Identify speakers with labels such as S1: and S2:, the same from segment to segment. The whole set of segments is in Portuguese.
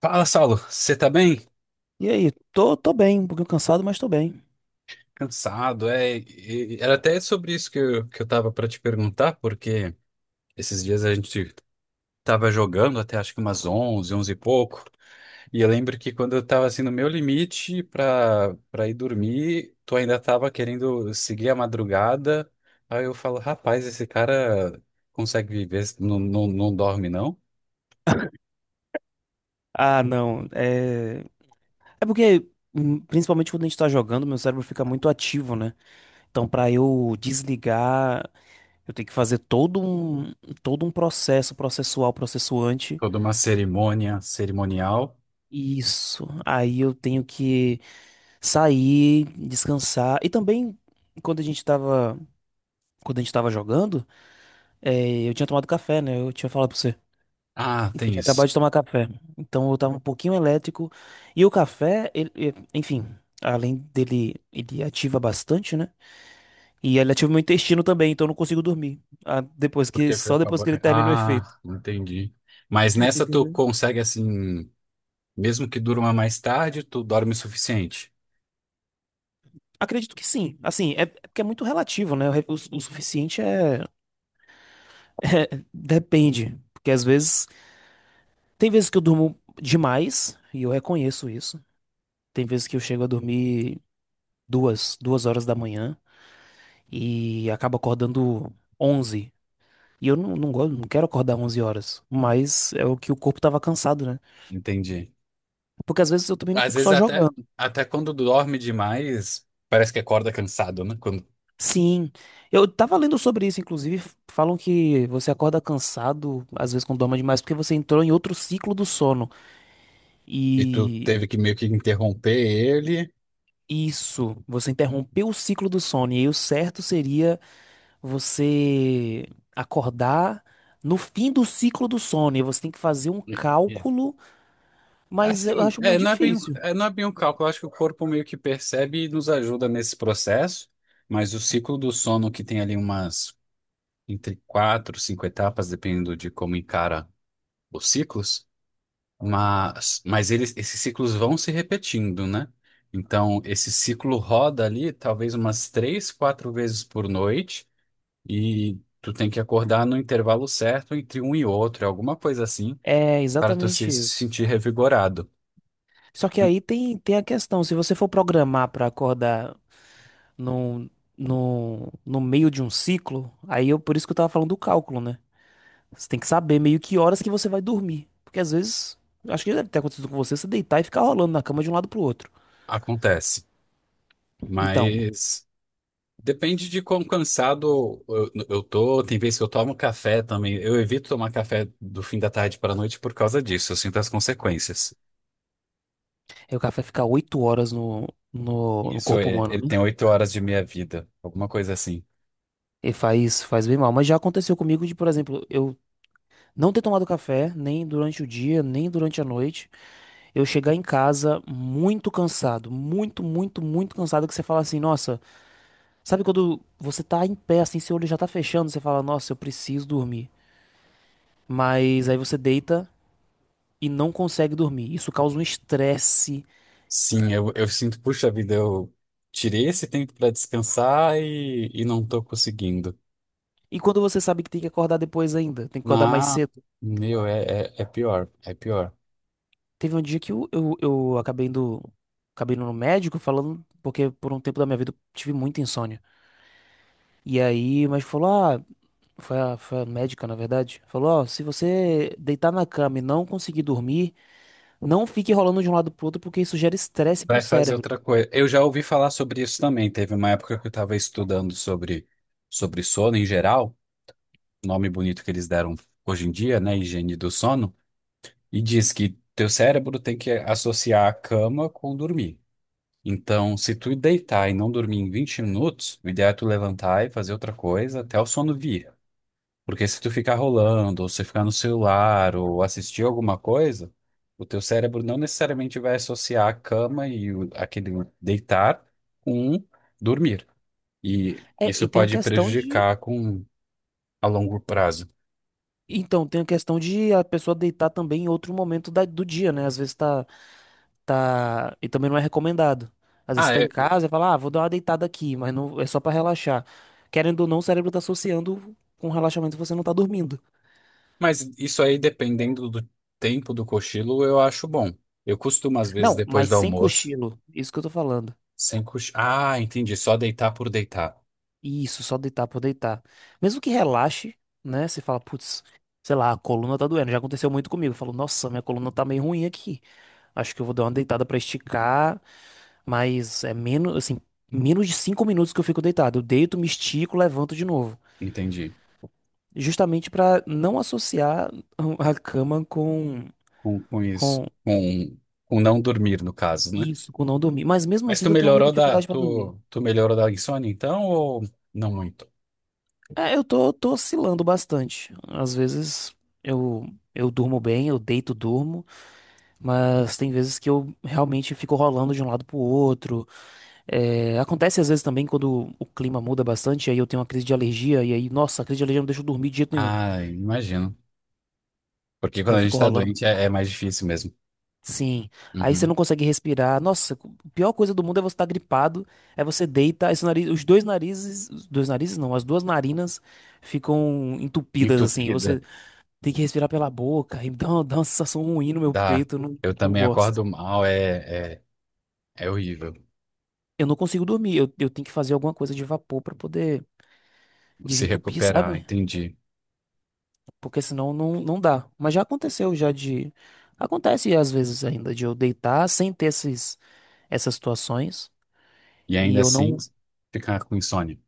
S1: Fala, Saulo, você tá bem?
S2: E aí, tô bem, um pouquinho cansado, mas tô bem.
S1: Cansado, é. Era até sobre isso que eu tava pra te perguntar, porque esses dias a gente tava jogando até acho que umas onze e pouco, e eu lembro que quando eu tava assim no meu limite pra ir dormir, tu ainda tava querendo seguir a madrugada, aí eu falo, rapaz, esse cara consegue viver, não dorme não?
S2: Ah, não, é. É porque, principalmente quando a gente tá jogando, meu cérebro fica muito ativo, né? Então, pra eu desligar, eu tenho que fazer todo um processo processual, processuante.
S1: Toda uma cerimônia cerimonial.
S2: Isso. Aí eu tenho que sair, descansar. E também, quando a gente tava, quando a gente tava jogando, eu tinha tomado café, né? Eu tinha falado pra você.
S1: Ah,
S2: Que Eu
S1: tem
S2: tinha
S1: isso.
S2: acabado de tomar café. Então eu tava um pouquinho elétrico. E o café, enfim, além dele, ele ativa bastante, né? E ele ativa meu intestino também, então eu não consigo dormir. Ah, depois que,
S1: Porque foi
S2: só depois que ele
S1: acabar.
S2: termina o efeito.
S1: Ah, entendi. Mas nessa tu
S2: Entendeu?
S1: consegue assim, mesmo que durma mais tarde, tu dorme o suficiente.
S2: Acredito que sim. Assim, é porque é muito relativo, né? O, re- o su- o suficiente é, Depende. Porque às vezes. Tem vezes que eu durmo demais, e eu reconheço isso. Tem vezes que eu chego a dormir duas horas da manhã e acabo acordando 11. E eu não gosto, não quero acordar 11 horas. Mas é o que o corpo tava cansado, né?
S1: Entendi.
S2: Porque às vezes eu também não
S1: Às
S2: fico
S1: vezes
S2: só
S1: até,
S2: jogando.
S1: até quando dorme demais, parece que acorda cansado, né? Quando,
S2: Sim, eu tava lendo sobre isso, inclusive, falam que você acorda cansado, às vezes quando dorme demais, porque você entrou em outro ciclo do sono.
S1: e tu
S2: E
S1: teve que meio que interromper ele.
S2: isso, você interrompeu o ciclo do sono. E aí o certo seria você acordar no fim do ciclo do sono. E você tem que fazer um
S1: E- e-
S2: cálculo, mas eu
S1: Assim,
S2: acho muito difícil.
S1: não é bem um cálculo. Eu acho que o corpo meio que percebe e nos ajuda nesse processo, mas o ciclo do sono que tem ali umas entre quatro, cinco etapas, dependendo de como encara os ciclos. Mas eles, esses ciclos vão se repetindo, né? Então, esse ciclo roda ali talvez umas três, quatro vezes por noite e tu tem que acordar no intervalo certo entre um e outro, alguma coisa assim,
S2: É
S1: para tu se
S2: exatamente
S1: se
S2: isso.
S1: sentir revigorado.
S2: Só que
S1: Hum,
S2: aí tem a questão, se você for programar para acordar no, no meio de um ciclo, por isso que eu tava falando do cálculo, né? Você tem que saber meio que horas que você vai dormir. Porque às vezes, eu acho que deve ter acontecido com você, você deitar e ficar rolando na cama de um lado pro outro.
S1: Acontece,
S2: Então,
S1: mas depende de quão cansado eu tô. Tem vezes que eu tomo café também. Eu evito tomar café do fim da tarde para a noite por causa disso. Eu sinto as consequências.
S2: aí o cara vai ficar 8 horas no
S1: Isso,
S2: corpo humano,
S1: ele
S2: né?
S1: tem oito horas de minha vida, alguma coisa assim.
S2: E faz bem mal. Mas já aconteceu comigo de, por exemplo, eu não ter tomado café, nem durante o dia, nem durante a noite. Eu chegar em casa muito cansado, muito, muito, muito cansado, que você fala assim, nossa. Sabe quando você tá em pé, assim, seu olho já tá fechando, você fala, nossa, eu preciso dormir. Mas aí você deita e não consegue dormir. Isso causa um estresse.
S1: Sim, eu sinto, puxa vida, eu tirei esse tempo para descansar e não tô conseguindo.
S2: E quando você sabe que tem que acordar depois ainda, tem que acordar mais
S1: Não,
S2: cedo.
S1: meu, é pior, é pior.
S2: Teve um dia que eu acabei indo no médico falando, porque por um tempo da minha vida eu tive muita insônia. E aí, mas falou, ah, foi a médica, na verdade, falou, ó, se você deitar na cama e não conseguir dormir, não fique rolando de um lado pro outro, porque isso gera estresse pro
S1: Vai fazer
S2: cérebro.
S1: outra coisa. Eu já ouvi falar sobre isso também. Teve uma época que eu estava estudando sobre sono em geral, nome bonito que eles deram hoje em dia, né? Higiene do sono, e diz que teu cérebro tem que associar a cama com dormir. Então, se tu deitar e não dormir em 20 minutos, o ideal é tu levantar e fazer outra coisa até o sono vir. Porque se tu ficar rolando, ou se ficar no celular, ou assistir alguma coisa, o teu cérebro não necessariamente vai associar a cama aquele deitar com dormir. E
S2: É,
S1: isso
S2: e tem a
S1: pode
S2: questão de.
S1: prejudicar com a longo prazo.
S2: Então, tem a questão de a pessoa deitar também em outro momento do dia, né? Às vezes tá, tá. E também não é recomendado. Às vezes
S1: Ah,
S2: tá em
S1: é,
S2: casa e fala, ah, vou dar uma deitada aqui, mas não é só pra relaxar. Querendo ou não, o cérebro tá associando com relaxamento você não tá dormindo.
S1: mas isso aí, dependendo do tempo do cochilo, eu acho bom. Eu costumo, às vezes,
S2: Não,
S1: depois
S2: mas
S1: do
S2: sem
S1: almoço.
S2: cochilo. Isso que eu tô falando.
S1: Sem cochar. Ah, entendi. Só deitar por deitar.
S2: Isso, só deitar por deitar. Mesmo que relaxe, né? Você fala, putz, sei lá, a coluna tá doendo. Já aconteceu muito comigo. Eu falo, nossa, minha coluna tá meio ruim aqui. Acho que eu vou dar uma deitada pra esticar, mas é menos, assim, menos de 5 minutos que eu fico deitado. Eu deito, me estico, levanto de novo.
S1: Entendi.
S2: Justamente pra não associar a cama com,
S1: Com isso.
S2: com
S1: Com não dormir, no caso, né?
S2: isso, com não dormir. Mas mesmo
S1: Mas
S2: assim,
S1: tu
S2: eu tenho alguma
S1: melhorou da,
S2: dificuldade pra dormir.
S1: tu, tu melhorou da insônia, então, ou não muito?
S2: É, eu tô oscilando bastante. Às vezes eu, eu durmo bem, eu deito, durmo, mas tem vezes que eu realmente fico rolando de um lado pro outro. É, acontece às vezes também quando o clima muda bastante, aí eu tenho uma crise de alergia, e aí, nossa, a crise de alergia não deixa eu dormir de jeito nenhum.
S1: Ah, imagino. Porque quando
S2: Eu
S1: a gente
S2: fico
S1: tá
S2: rolando.
S1: doente é mais difícil mesmo.
S2: Sim. Aí você
S1: Uhum.
S2: não consegue respirar. Nossa, a pior coisa do mundo é você estar gripado, aí você deita, aí seu nariz, os dois narizes não, as duas narinas ficam entupidas assim, e
S1: Entupida.
S2: você. Tem que respirar pela boca. E dá uma sensação ruim no meu
S1: Dá.
S2: peito. Eu não,
S1: Eu
S2: não
S1: também
S2: gosto.
S1: acordo mal, é horrível.
S2: Eu não consigo dormir. Eu tenho que fazer alguma coisa de vapor pra poder
S1: Se
S2: desentupir,
S1: recuperar,
S2: sabe?
S1: entendi.
S2: Porque senão não dá. Mas já aconteceu já de. Acontece às vezes ainda de eu deitar sem ter essas situações.
S1: E
S2: E
S1: ainda
S2: eu
S1: assim,
S2: não.
S1: ficar com insônia.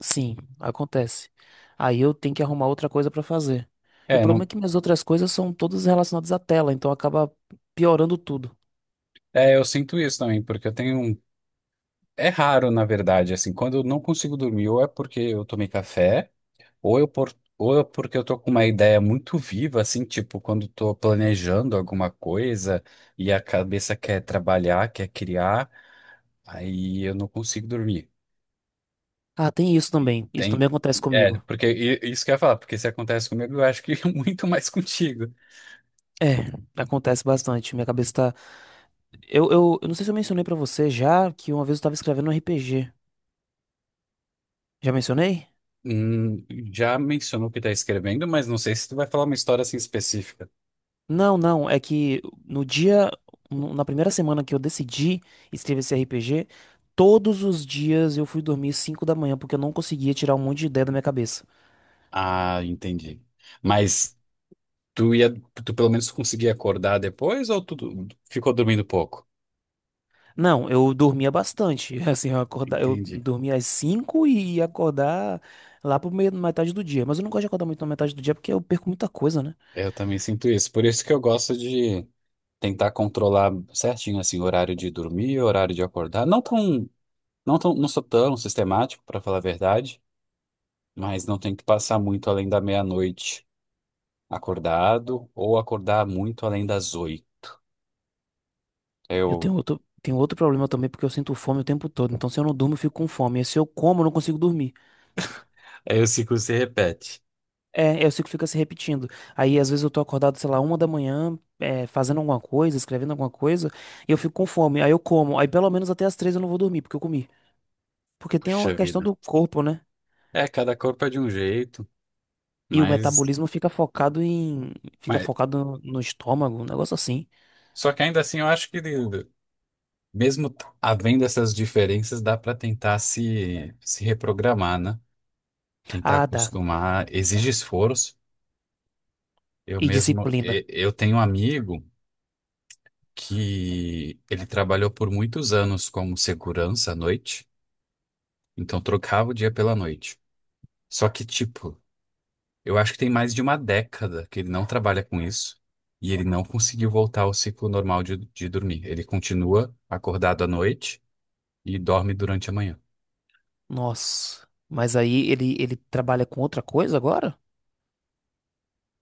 S2: Sim, acontece. Aí eu tenho que arrumar outra coisa pra fazer. E o
S1: É,
S2: problema é
S1: não.
S2: que minhas outras coisas são todas relacionadas à tela, então acaba piorando tudo.
S1: É, eu sinto isso também, porque eu tenho um É raro, na verdade, assim, quando eu não consigo dormir, ou é porque eu tomei café, ou eu por, ou é porque eu tô com uma ideia muito viva, assim, tipo, quando tô planejando alguma coisa e a cabeça quer trabalhar, quer criar, aí eu não consigo dormir.
S2: Ah, tem isso também. Isso
S1: Tem,
S2: também acontece
S1: é,
S2: comigo.
S1: porque isso que eu ia falar, porque se acontece comigo, eu acho que muito mais contigo.
S2: É, acontece bastante. Minha cabeça tá. Eu não sei se eu mencionei pra você já que uma vez eu tava escrevendo um RPG. Já mencionei?
S1: Hum, já mencionou que tá escrevendo, mas não sei se tu vai falar uma história assim específica.
S2: Não, não. É que no dia. Na primeira semana que eu decidi escrever esse RPG, todos os dias eu fui dormir 5 da manhã porque eu não conseguia tirar um monte de ideia da minha cabeça.
S1: Ah, entendi. Mas Tu ia, tu pelo menos conseguia acordar depois ou tu ficou dormindo pouco?
S2: Não, eu dormia bastante. Assim, eu
S1: Entendi.
S2: dormia às 5 e ia acordar lá por metade do dia. Mas eu não gosto de acordar muito na metade do dia porque eu perco muita coisa, né?
S1: Eu também sinto isso. Por isso que eu gosto de tentar controlar certinho assim o horário de dormir, o horário de acordar. Não sou tão sistemático, para falar a verdade, mas não tem que passar muito além da meia-noite acordado ou acordar muito além das oito.
S2: Eu
S1: Eu,
S2: tenho outro problema também, porque eu sinto fome o tempo todo. Então, se eu não durmo, eu fico com fome. E se eu como, eu não consigo dormir.
S1: aí o ciclo se repete.
S2: É, eu sei que fica se repetindo. Aí, às vezes, eu tô acordado, sei lá, 1 da manhã, fazendo alguma coisa, escrevendo alguma coisa, e eu fico com fome. Aí eu como. Aí, pelo menos até as 3 eu não vou dormir, porque eu comi. Porque tem a
S1: Puxa
S2: questão
S1: vida.
S2: do corpo, né?
S1: É, cada corpo é de um jeito,
S2: E o
S1: mas,
S2: metabolismo fica focado em. Fica
S1: mas
S2: focado no estômago, um negócio assim.
S1: só que ainda assim eu acho que Mesmo havendo essas diferenças, dá para tentar se reprogramar, né? Tentar
S2: Ah, dá.
S1: acostumar, exige esforço. Eu
S2: E
S1: mesmo,
S2: disciplina.
S1: eu tenho um amigo que ele trabalhou por muitos anos como segurança à noite, então trocava o dia pela noite. Só que, tipo, eu acho que tem mais de uma década que ele não trabalha com isso e ele não conseguiu voltar ao ciclo normal de dormir. Ele continua acordado à noite e dorme durante a manhã.
S2: Nossa, mas aí ele trabalha com outra coisa agora?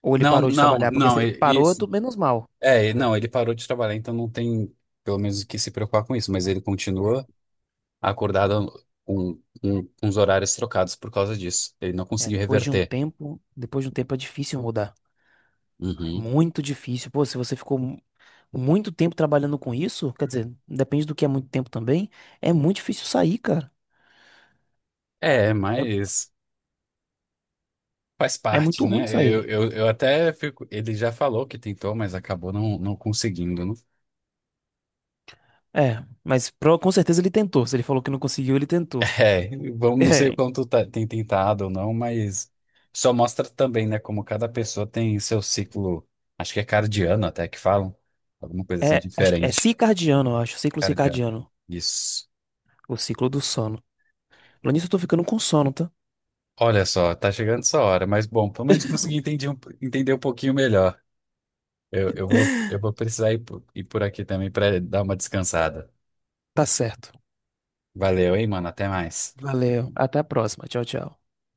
S2: Ou ele
S1: Não,
S2: parou de
S1: não,
S2: trabalhar? Porque se
S1: não,
S2: ele
S1: e-
S2: parou, é
S1: isso.
S2: tudo menos mal.
S1: É, não, ele parou de trabalhar, então não tem, pelo menos, o que se preocupar com isso, mas ele continua acordado com os horários trocados por causa disso. Ele não
S2: É,
S1: conseguiu
S2: depois de um
S1: reverter.
S2: tempo, depois de um tempo é difícil mudar.
S1: Uhum.
S2: Muito difícil. Pô, se você ficou muito tempo trabalhando com isso, quer dizer, depende do que é muito tempo também, é muito difícil sair, cara.
S1: É,
S2: É,
S1: mas faz
S2: é muito
S1: parte,
S2: ruim
S1: né? Eu,
S2: sair.
S1: eu, eu até fico. Ele já falou que tentou, mas acabou não conseguindo, né?
S2: É, mas com certeza ele tentou. Se ele falou que não conseguiu, ele tentou.
S1: É, vamos, não sei o
S2: É,
S1: quanto tem tentado ou não, mas só mostra também, né, como cada pessoa tem seu ciclo, acho que é cardiano até que falam, alguma coisa assim
S2: é, acho, que é
S1: diferente.
S2: circadiano, eu acho, ciclo
S1: Cara de ano.
S2: circadiano,
S1: Isso.
S2: o ciclo do sono. Falando nisso, eu tô ficando com sono, tá?
S1: Olha só, tá chegando essa hora, mas bom, pelo menos consegui entender entender um pouquinho melhor. Eu, eu vou, eu vou precisar ir ir por aqui também para dar uma descansada.
S2: Tá certo.
S1: Valeu, hein, mano? Até mais.
S2: Valeu, até a próxima. Tchau, tchau.